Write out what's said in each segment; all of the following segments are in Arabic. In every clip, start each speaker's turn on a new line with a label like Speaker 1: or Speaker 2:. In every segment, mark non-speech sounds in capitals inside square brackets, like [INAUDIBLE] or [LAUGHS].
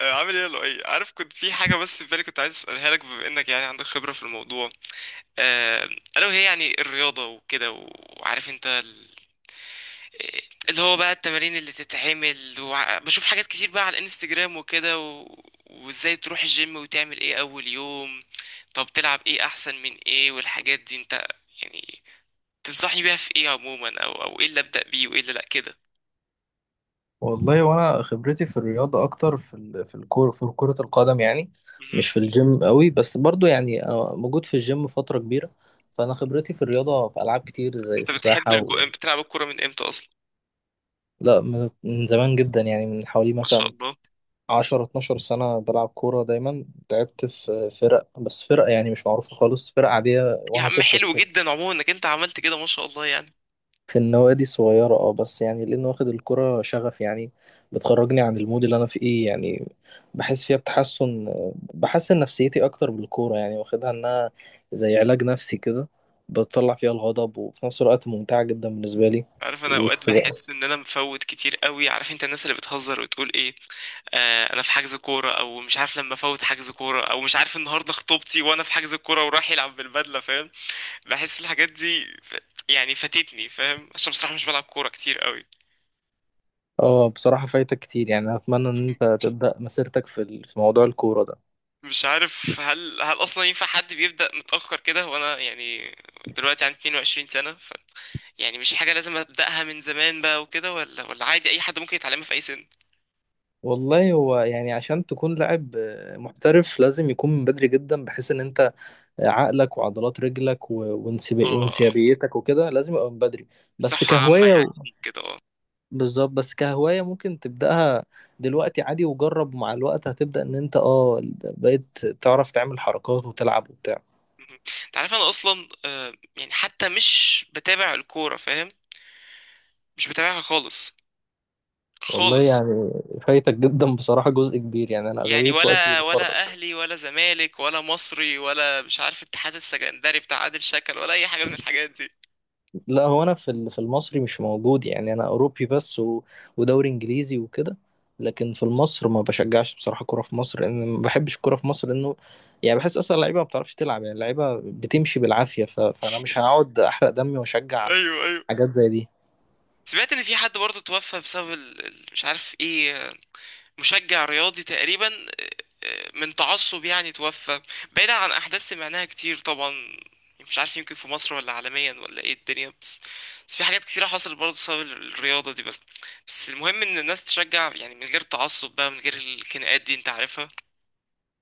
Speaker 1: آه، عامل ايه يا لؤي؟ عارف كنت في حاجه، بس في بالي كنت عايز اسالها لك، بما انك يعني عندك خبره في الموضوع. آه، الا وهي يعني الرياضه وكده، وعارف انت آه، اللي هو بقى التمارين اللي تتعمل بشوف حاجات كتير بقى على الانستجرام وكده. وازاي تروح الجيم وتعمل ايه اول يوم؟ طب تلعب ايه احسن من ايه والحاجات دي؟ انت يعني تنصحني بيها في ايه عموما؟ او ايه اللي ابدا بيه وايه اللي لا كده؟
Speaker 2: والله وانا خبرتي في الرياضه اكتر في الكوره في كره القدم، يعني
Speaker 1: مهم.
Speaker 2: مش في الجيم قوي، بس برضو يعني انا موجود في الجيم فتره كبيره. فانا خبرتي في الرياضه في العاب كتير زي
Speaker 1: انت
Speaker 2: السباحه.
Speaker 1: بتلعب الكوره من امتى اصلا؟
Speaker 2: لا، من زمان جدا، يعني من حوالي
Speaker 1: ما شاء
Speaker 2: مثلا
Speaker 1: الله.
Speaker 2: 10 12 سنه بلعب كوره دايما. لعبت في فرق، بس فرق يعني مش معروفه خالص، فرق عاديه
Speaker 1: يا
Speaker 2: وانا
Speaker 1: عم
Speaker 2: طفل
Speaker 1: حلو جدا عموما انك انت عملت كده، ما شاء الله يعني.
Speaker 2: في النوادي الصغيرة، اه بس يعني لأنه واخد الكرة شغف، يعني بتخرجني عن المود اللي أنا فيه، يعني بحس فيها بحسن نفسيتي أكتر بالكورة، يعني واخدها إنها زي علاج نفسي كده، بتطلع فيها الغضب وفي نفس الوقت ممتعة جدا بالنسبة لي.
Speaker 1: عارف، انا اوقات
Speaker 2: بس بقى-
Speaker 1: بحس ان انا مفوت كتير قوي. عارف انت الناس اللي بتهزر وتقول ايه؟ آه، انا في حجز كوره، او مش عارف، لما افوت حجز كوره، او مش عارف النهارده خطوبتي وانا في حجز الكوره وراح يلعب بالبدله، فاهم؟ بحس الحاجات دي. يعني فاتتني، فاهم، عشان بصراحه مش بلعب كوره كتير قوي.
Speaker 2: اه، بصراحة فايتك كتير، يعني أتمنى إن أنت تبدأ مسيرتك في موضوع الكورة ده.
Speaker 1: مش عارف هل اصلا ينفع حد بيبدأ متأخر كده؟ وانا يعني دلوقتي عندي 22 سنة، يعني مش حاجة لازم أبدأها من زمان بقى وكده؟ ولا عادي أي حد ممكن يتعلمها في أي سن؟
Speaker 2: والله هو يعني عشان تكون لاعب محترف لازم يكون من بدري جدا، بحيث إن أنت عقلك وعضلات رجلك و- وانسب-
Speaker 1: اه، اه،
Speaker 2: وانسيابيتك وكده لازم يبقى من بدري. بس
Speaker 1: صحة عامة
Speaker 2: كهواية
Speaker 1: يعني
Speaker 2: و-
Speaker 1: ليك كده، اه.
Speaker 2: بالظبط، بس كهواية ممكن تبدأها دلوقتي عادي، وجرب مع الوقت هتبدأ ان انت بقيت تعرف تعمل حركات وتلعب وبتاع.
Speaker 1: مهم. أنت عارف أنا أصلا، يعني حتى مش بتابع الكورة، فاهم؟ مش بتابعها خالص،
Speaker 2: والله
Speaker 1: خالص.
Speaker 2: يعني فايتك جدا بصراحة جزء كبير، يعني انا
Speaker 1: يعني
Speaker 2: اغلبية وقتي
Speaker 1: ولا
Speaker 2: بفرج.
Speaker 1: ولا أهلي ولا زمالك ولا مصري ولا مش عارف اتحاد السكندري بتاع عادل شكل، ولا أي حاجة من الحاجات دي.
Speaker 2: لا، هو انا في المصري مش موجود، يعني انا اوروبي بس، ودوري انجليزي وكده، لكن في مصر ما بشجعش بصراحه كوره في مصر، لان ما بحبش الكوره في مصر، لانه يعني بحس اصلا اللعيبه ما بتعرفش تلعب، يعني اللعيبه بتمشي بالعافيه، فانا مش هقعد احرق دمي واشجع
Speaker 1: ايوه، ايوه.
Speaker 2: حاجات زي دي.
Speaker 1: سمعت ان في حد برضه توفى بسبب مش عارف ايه، مشجع رياضي تقريبا. آه، من تعصب يعني توفى، بعيدا عن احداث سمعناها كتير طبعا. مش عارف، يمكن في مصر، ولا عالميا، ولا ايه الدنيا، بس بس في حاجات كتيرة حصلت برضه بسبب الرياضة دي. بس بس المهم ان الناس تشجع يعني من غير تعصب بقى، من غير الخناقات دي انت عارفها.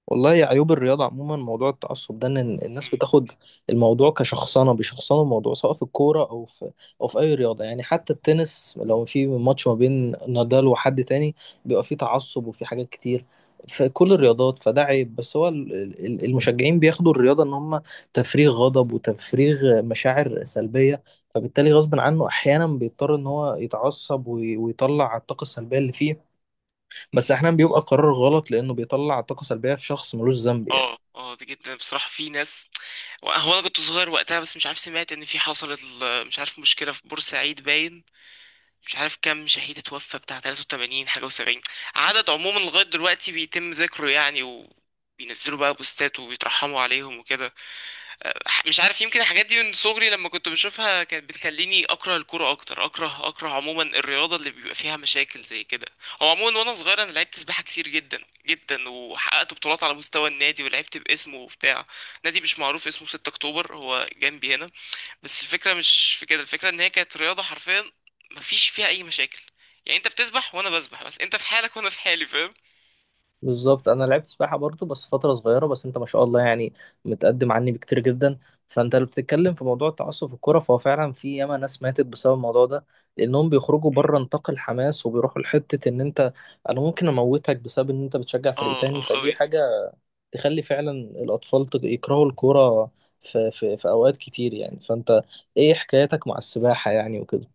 Speaker 2: والله يا عيوب الرياضة عموما، موضوع التعصب ده إن الناس
Speaker 1: مم.
Speaker 2: بتاخد الموضوع كشخصنة، بيشخصنوا الموضوع سواء في الكورة أو في أي رياضة، يعني حتى التنس لو في ماتش ما بين نادال وحد تاني بيبقى فيه تعصب وفي حاجات كتير في كل الرياضات، فده عيب. بس هو المشجعين بياخدوا الرياضة إن هم تفريغ غضب وتفريغ مشاعر سلبية، فبالتالي غصب عنه أحيانا بيضطر إن هو يتعصب ويطلع الطاقة السلبية اللي فيه. بس احيانا بيبقى قرار غلط، لانه بيطلع طاقه سلبيه في شخص ملوش ذنب، يعني
Speaker 1: اه، اه، دي جدا بصراحة. في ناس، هو انا كنت صغير وقتها بس، مش عارف، سمعت ان في حصلت مش عارف مشكلة في بورسعيد باين. مش عارف كام شهيد اتوفى، بتاع 83 حاجة و70. عدد عموما لغاية دلوقتي بيتم ذكره يعني، وبينزلوا بقى بوستات وبيترحموا عليهم وكده. أه، مش عارف، يمكن الحاجات دي من صغري لما كنت بشوفها كانت بتخليني أكره الكورة أكتر. أكره عموما الرياضة اللي بيبقى فيها مشاكل زي كده. هو عموما وأنا صغير أنا لعبت سباحة كتير جدا جدا، وحققت بطولات على مستوى النادي، ولعبت باسمه وبتاع نادي مش معروف، اسمه 6 أكتوبر، هو جنبي هنا. بس الفكرة مش في كده، الفكرة ان هي كانت رياضة حرفيا مفيش فيها اي مشاكل. يعني انت بتسبح وانا بسبح، بس انت في حالك وانا في حالي، فاهم؟
Speaker 2: بالظبط، انا لعبت سباحه برضو بس فتره صغيره، بس انت ما شاء الله يعني متقدم عني بكتير جدا. فانت اللي بتتكلم في موضوع التعصب في الكوره، فهو فعلا في ياما ناس ماتت بسبب الموضوع ده، لانهم بيخرجوا بره نطاق الحماس وبيروحوا لحته ان انت انا ممكن اموتك بسبب ان انت بتشجع فريق
Speaker 1: اه،
Speaker 2: تاني،
Speaker 1: اه،
Speaker 2: فدي
Speaker 1: قوي.
Speaker 2: حاجه تخلي فعلا الاطفال يكرهوا الكوره في اوقات كتير، يعني فانت ايه حكايتك مع السباحه، يعني وكده؟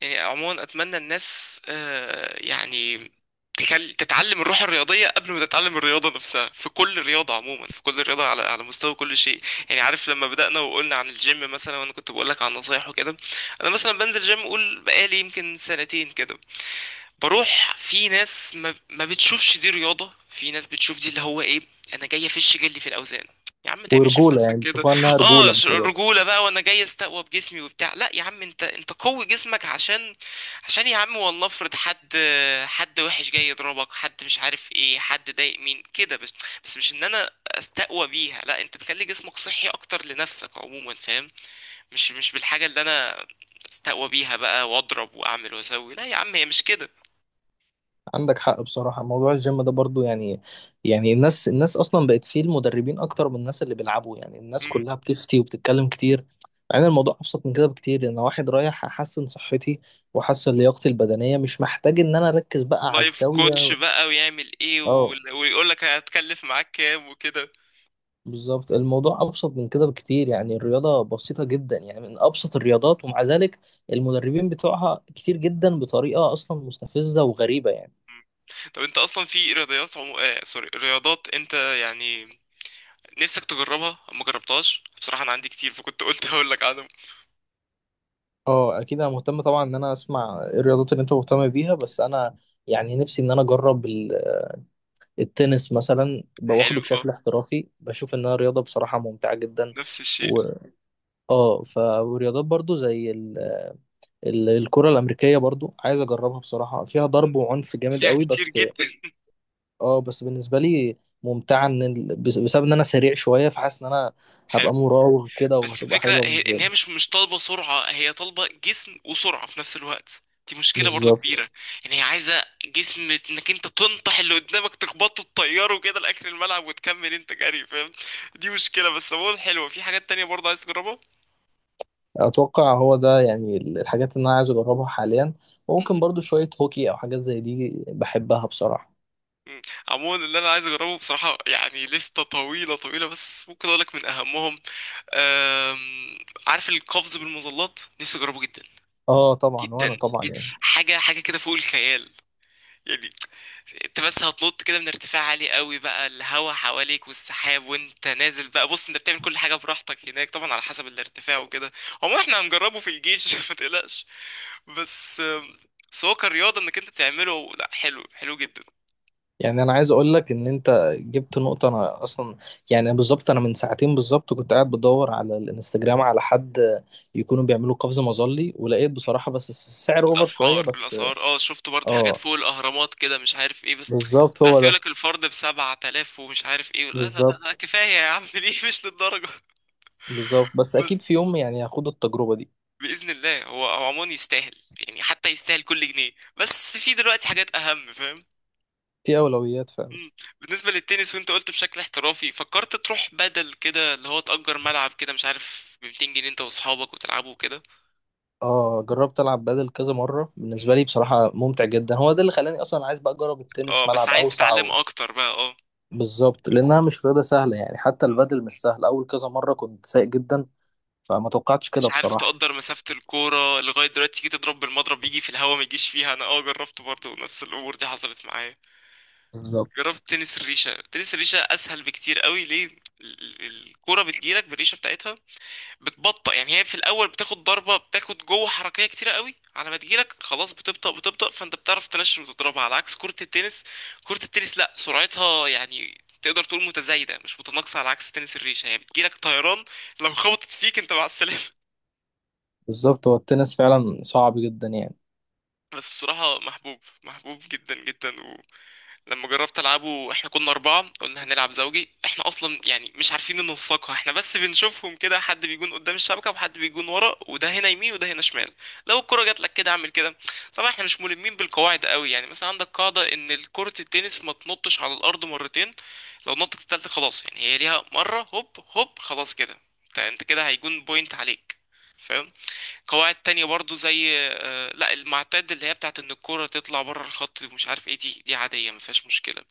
Speaker 1: يعني عموما اتمنى الناس، يعني، تتعلم الروح الرياضية قبل ما تتعلم الرياضة نفسها، في كل رياضة عموما، في كل رياضة، على على مستوى كل شيء. يعني عارف لما بدأنا وقلنا عن الجيم مثلا، وانا كنت بقول لك عن نصايح وكده، انا مثلا بنزل جيم، قول بقالي يمكن سنتين كده بروح. في ناس ما بتشوفش دي رياضة، في ناس بتشوف دي اللي هو ايه، انا جاي افش جلي في الاوزان. يا عم ما تعملش في
Speaker 2: ورجوله، يعني
Speaker 1: نفسك كده.
Speaker 2: بيشوفوها انها
Speaker 1: اه،
Speaker 2: رجوله مش رياضه.
Speaker 1: رجولة بقى، وانا جاي استقوى بجسمي وبتاع. لا يا عم، انت قوي جسمك عشان، عشان يا عم والله افرض حد، حد وحش جاي يضربك، حد مش عارف ايه، حد ضايق مين كده. بس، بس مش ان انا استقوى بيها، لا، انت بتخلي جسمك صحي اكتر لنفسك عموما، فاهم؟ مش بالحاجة اللي انا استقوى بيها بقى، واضرب واعمل واسوي، لا يا عم، هي مش كده.
Speaker 2: عندك حق بصراحة، موضوع الجيم ده برضو يعني الناس أصلا بقت فيه المدربين أكتر من الناس اللي بيلعبوا، يعني الناس كلها بتفتي وبتتكلم كتير، مع إن الموضوع أبسط من كده بكتير. أنا واحد رايح أحسن صحتي وأحسن لياقتي البدنية، مش محتاج إن أنا أركز بقى على
Speaker 1: لايف كوتش
Speaker 2: الزاوية.
Speaker 1: بقى، ويعمل ايه،
Speaker 2: أه،
Speaker 1: ويقول لك هتكلف معاك كام وكده.
Speaker 2: بالظبط الموضوع أبسط من كده بكتير، يعني الرياضة بسيطة جدا، يعني من أبسط الرياضات، ومع ذلك المدربين بتوعها كتير جدا بطريقة أصلا مستفزة وغريبة، يعني
Speaker 1: طب انت اصلا في رياضيات عمو... آه سوري رياضات انت يعني نفسك تجربها ما جربتهاش؟ بصراحة انا عندي كتير، فكنت قلت [LAUGHS] هقول لك عنهم.
Speaker 2: اه، اكيد انا مهتم طبعا ان انا اسمع إيه الرياضات اللي انت مهتم بيها، بس انا يعني نفسي ان انا اجرب التنس مثلا، باخده
Speaker 1: حلو، اه.
Speaker 2: بشكل احترافي بشوف انها رياضه بصراحه ممتعه جدا.
Speaker 1: نفس الشيء.
Speaker 2: و ورياضات برضو زي الكره الامريكيه، برضو عايز اجربها بصراحه، فيها ضرب وعنف جامد
Speaker 1: فيها
Speaker 2: قوي
Speaker 1: كتير
Speaker 2: بس.
Speaker 1: جدا.
Speaker 2: اه بس بالنسبه لي ممتعه، بسبب ان انا سريع شويه، فحاسس ان انا هبقى
Speaker 1: حلو.
Speaker 2: مراوغ كده
Speaker 1: بس
Speaker 2: وهتبقى
Speaker 1: الفكرة
Speaker 2: حلوه
Speaker 1: هي،
Speaker 2: بالنسبه
Speaker 1: ان هي
Speaker 2: لي.
Speaker 1: مش طالبة سرعة، هي طالبة جسم وسرعة في نفس الوقت، دي مشكلة برضو
Speaker 2: بالظبط،
Speaker 1: كبيرة. يعني هي عايزة جسم، انك انت تنطح اللي قدامك، تخبطه، تطيره كده لآخر الملعب، وتكمل انت جري، فاهم؟ دي مشكلة، بس عموما حلوة. في حاجات تانية برضو عايز تجربها.
Speaker 2: اتوقع هو ده يعني الحاجات اللي انا عايز اجربها حاليا، وممكن برضو شوية هوكي او حاجات زي دي بحبها بصراحة.
Speaker 1: مم. عموما اللي انا عايز اجربه بصراحة يعني لستة طويلة طويلة، بس ممكن اقولك من اهمهم. أم... عارف القفز بالمظلات؟ نفسي اجربه جدا
Speaker 2: اه طبعا، وانا
Speaker 1: جدا
Speaker 2: طبعا
Speaker 1: جدا.
Speaker 2: يعني
Speaker 1: حاجة حاجة كده فوق الخيال يعني. انت بس هتنط كده من ارتفاع عالي قوي بقى، الهوا حواليك والسحاب، وانت نازل بقى، بص انت بتعمل كل حاجه براحتك هناك طبعا، على حسب الارتفاع وكده. هو احنا هنجربه في الجيش، [LAUGHS] ما تقلقش. بس، بس هو كرياضه انك انت تعمله، لا، حلو، حلو جدا.
Speaker 2: يعني انا عايز اقول لك ان انت جبت نقطة. انا اصلا يعني بالظبط، انا من ساعتين بالظبط كنت قاعد بدور على الانستجرام على حد يكونوا بيعملوا قفز مظلي، ولقيت بصراحة بس السعر اوفر شوية
Speaker 1: الاسعار
Speaker 2: بس.
Speaker 1: الاسعار اه، شفت برضو حاجات
Speaker 2: اه،
Speaker 1: فوق الاهرامات كده، مش عارف ايه. بس مش
Speaker 2: بالظبط هو
Speaker 1: عارف،
Speaker 2: ده.
Speaker 1: يقولك الفرد ب 7000 ومش عارف ايه. لا لا لا لا،
Speaker 2: بالظبط
Speaker 1: كفايه يا عم، [LAUGHS] ليه؟ مش للدرجه.
Speaker 2: بالظبط، بس اكيد في يوم يعني هاخد التجربة دي.
Speaker 1: باذن الله، هو، هو عموما يستاهل يعني، حتى يستاهل كل جنيه، بس في دلوقتي حاجات اهم، فاهم؟
Speaker 2: دي اولويات فعلا.
Speaker 1: مم. بالنسبه للتنس، وانت قلت بشكل احترافي، فكرت تروح بدل كده اللي هو تأجر ملعب كده مش عارف ب 200 جنيه انت واصحابك وتلعبوا كده؟
Speaker 2: اه، جربت العب بادل كذا مره، بالنسبه لي بصراحه ممتع جدا، هو ده اللي خلاني اصلا عايز بقى اجرب
Speaker 1: اه،
Speaker 2: التنس،
Speaker 1: بس
Speaker 2: ملعب
Speaker 1: عايز
Speaker 2: اوسع.
Speaker 1: تتعلم اكتر بقى، اه.
Speaker 2: بالظبط، لانها مش رياضه سهله، يعني حتى البادل مش سهل، اول كذا مره كنت سايق جدا، فما توقعتش كده
Speaker 1: مش عارف
Speaker 2: بصراحه.
Speaker 1: تقدر مسافة الكورة لغاية دلوقتي تيجي تضرب بالمضرب، يجي في الهوا ما يجيش فيها؟ انا، اه، جربت برضه، نفس الامور دي حصلت معايا.
Speaker 2: بالظبط
Speaker 1: جربت تنس الريشة؟ تنس الريشة اسهل بكتير قوي، ليه؟ الكورة بتجيلك بالريشة بتاعتها بتبطأ. يعني هي في الاول بتاخد ضربه، بتاخد جوه حركيه كتيره قوي، على ما تجيلك خلاص بتبطأ بتبطأ، فانت بتعرف تنشر وتضربها، على عكس كره التنس. كره التنس لا، سرعتها يعني تقدر تقول متزايده مش متناقصه، على عكس تنس الريشه، هي بتجيلك طيران، لو خبطت فيك انت مع السلامه. [LAUGHS]
Speaker 2: بالظبط، هو التنس فعلا صعب جدا يعني.
Speaker 1: بس بصراحه محبوب، محبوب جدا جدا. لما جربت العبه، احنا كنا اربعه، قلنا هنلعب زوجي، احنا اصلا يعني مش عارفين ننسقها احنا، بس بنشوفهم كده، حد بيجون قدام الشبكه وحد بيجون ورا، وده هنا يمين وده هنا شمال، لو الكره جات لك كده اعمل كده. طبعا احنا مش ملمين بالقواعد قوي، يعني مثلا عندك قاعده ان كره التنس ما تنطش على الارض مرتين، لو نطت التالتة خلاص، يعني هي ليها مره، هوب هوب خلاص كده، انت، انت كده هيجون بوينت عليك، فاهم؟ قواعد تانية برضو زي، لا المعتاد، اللي هي بتاعت ان الكرة تطلع بره الخط ومش عارف ايه، دي عادية ما فيهاش مشكلة.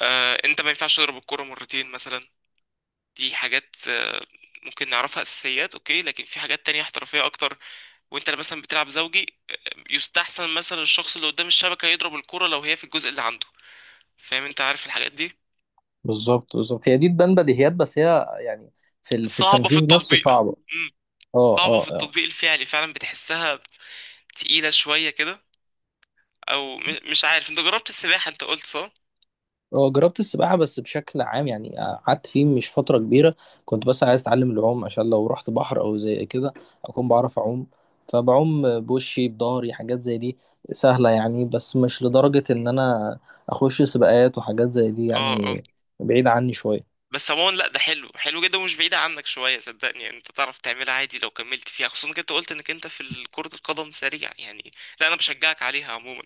Speaker 1: انت ما ينفعش تضرب الكرة مرتين مثلا، دي حاجات ممكن نعرفها اساسيات، اوكي. لكن في حاجات تانية احترافية اكتر، وانت مثلا بتلعب زوجي، يستحسن مثلا الشخص اللي قدام الشبكة يضرب الكرة لو هي في الجزء اللي عنده، فاهم انت عارف الحاجات دي.
Speaker 2: بالظبط بالظبط، هي دي تبان بديهيات، بس هي يعني في
Speaker 1: صعبة في
Speaker 2: التنفيذ نفسه
Speaker 1: التطبيق.
Speaker 2: صعبه.
Speaker 1: مم،
Speaker 2: اه
Speaker 1: صعبة
Speaker 2: اه
Speaker 1: في
Speaker 2: اه.
Speaker 1: التطبيق الفعلي، فعلا بتحسها تقيلة شوية كده. او مش عارف، انت جربت السباحة انت قلت، صح؟
Speaker 2: هو جربت السباحة بس بشكل عام، يعني قعدت فيه مش فترة كبيرة، كنت بس عايز أتعلم العوم عشان لو رحت بحر أو زي كده أكون بعرف أعوم، فبعوم بوشي بضهري حاجات زي دي سهلة يعني، بس مش لدرجة إن أنا أخش سباقات وحاجات زي دي
Speaker 1: اه، اه.
Speaker 2: يعني، بعيد عني شوية.
Speaker 1: بس عموما لا، ده حلو، حلو جدا، ومش بعيدة عنك شوية صدقني، يعني انت تعرف تعملها عادي لو كملت فيها، خصوصا انك انت قلت انك انت في كرة القدم سريع يعني. لا انا بشجعك عليها عموما.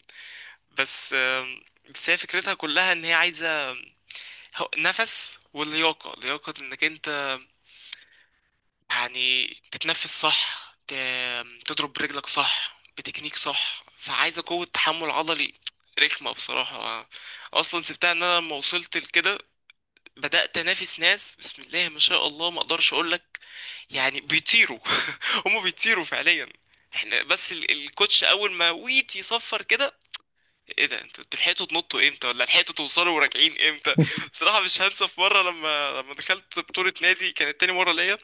Speaker 1: بس بس هي فكرتها كلها ان هي عايزة، نفس، واللياقة، لياقة انك انت يعني تتنفس صح، تضرب برجلك صح بتكنيك صح، فعايزة قوة تحمل عضلي، رخمة بصراحة. اصلا سبتها ان انا لما وصلت لكده بدأت انافس ناس، بسم الله ما شاء الله، ما اقدرش اقول لك. يعني بيطيروا. [LAUGHS] هم بيطيروا فعليا. احنا بس الكوتش اول ما ويت يصفر كده، ايه ده؟ انتوا، انتوا لحقتوا تنطوا امتى؟ ولا لحقتوا توصلوا وراجعين امتى؟ بصراحه مش هنسى في مره، لما دخلت بطوله نادي كانت تاني مره ليا،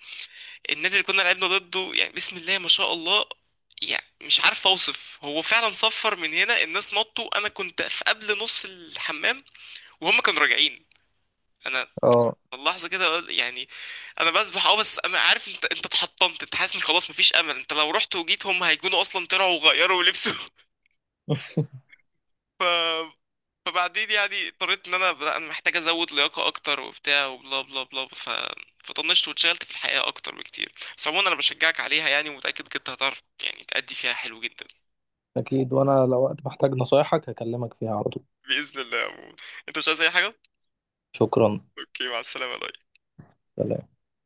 Speaker 1: النادي اللي كنا لعبنا ضده يعني، بسم الله ما شاء الله، يعني مش عارف اوصف. هو فعلا صفر من هنا، الناس نطوا، انا كنت في قبل نص الحمام وهم كانوا راجعين. انا
Speaker 2: اه
Speaker 1: اللحظه كده يعني، انا بسبح، اه، بس انا عارف، انت، انت اتحطمت، انت حاسس ان خلاص مفيش امل، انت لو رحت وجيت هم هيكونوا اصلا طلعوا وغيروا لبسوا. [LAUGHS]
Speaker 2: [LAUGHS]
Speaker 1: ف... فبعدين يعني اضطريت ان انا، لا، انا محتاج ازود لياقه اكتر وبتاع وبلا بلا بلا، ف فطنشت واتشغلت في الحقيقه اكتر بكتير. بس عموما انا بشجعك عليها يعني، ومتاكد إنك انت هتعرف يعني تأدي فيها حلو جدا.
Speaker 2: أكيد، وأنا لو وقت محتاج نصايحك هكلمك فيها على طول.
Speaker 1: باذن الله يا عمو. انت مش عايز اي حاجه؟
Speaker 2: شكرا.
Speaker 1: اوكي، مع السلامه يا لؤي.
Speaker 2: سلام.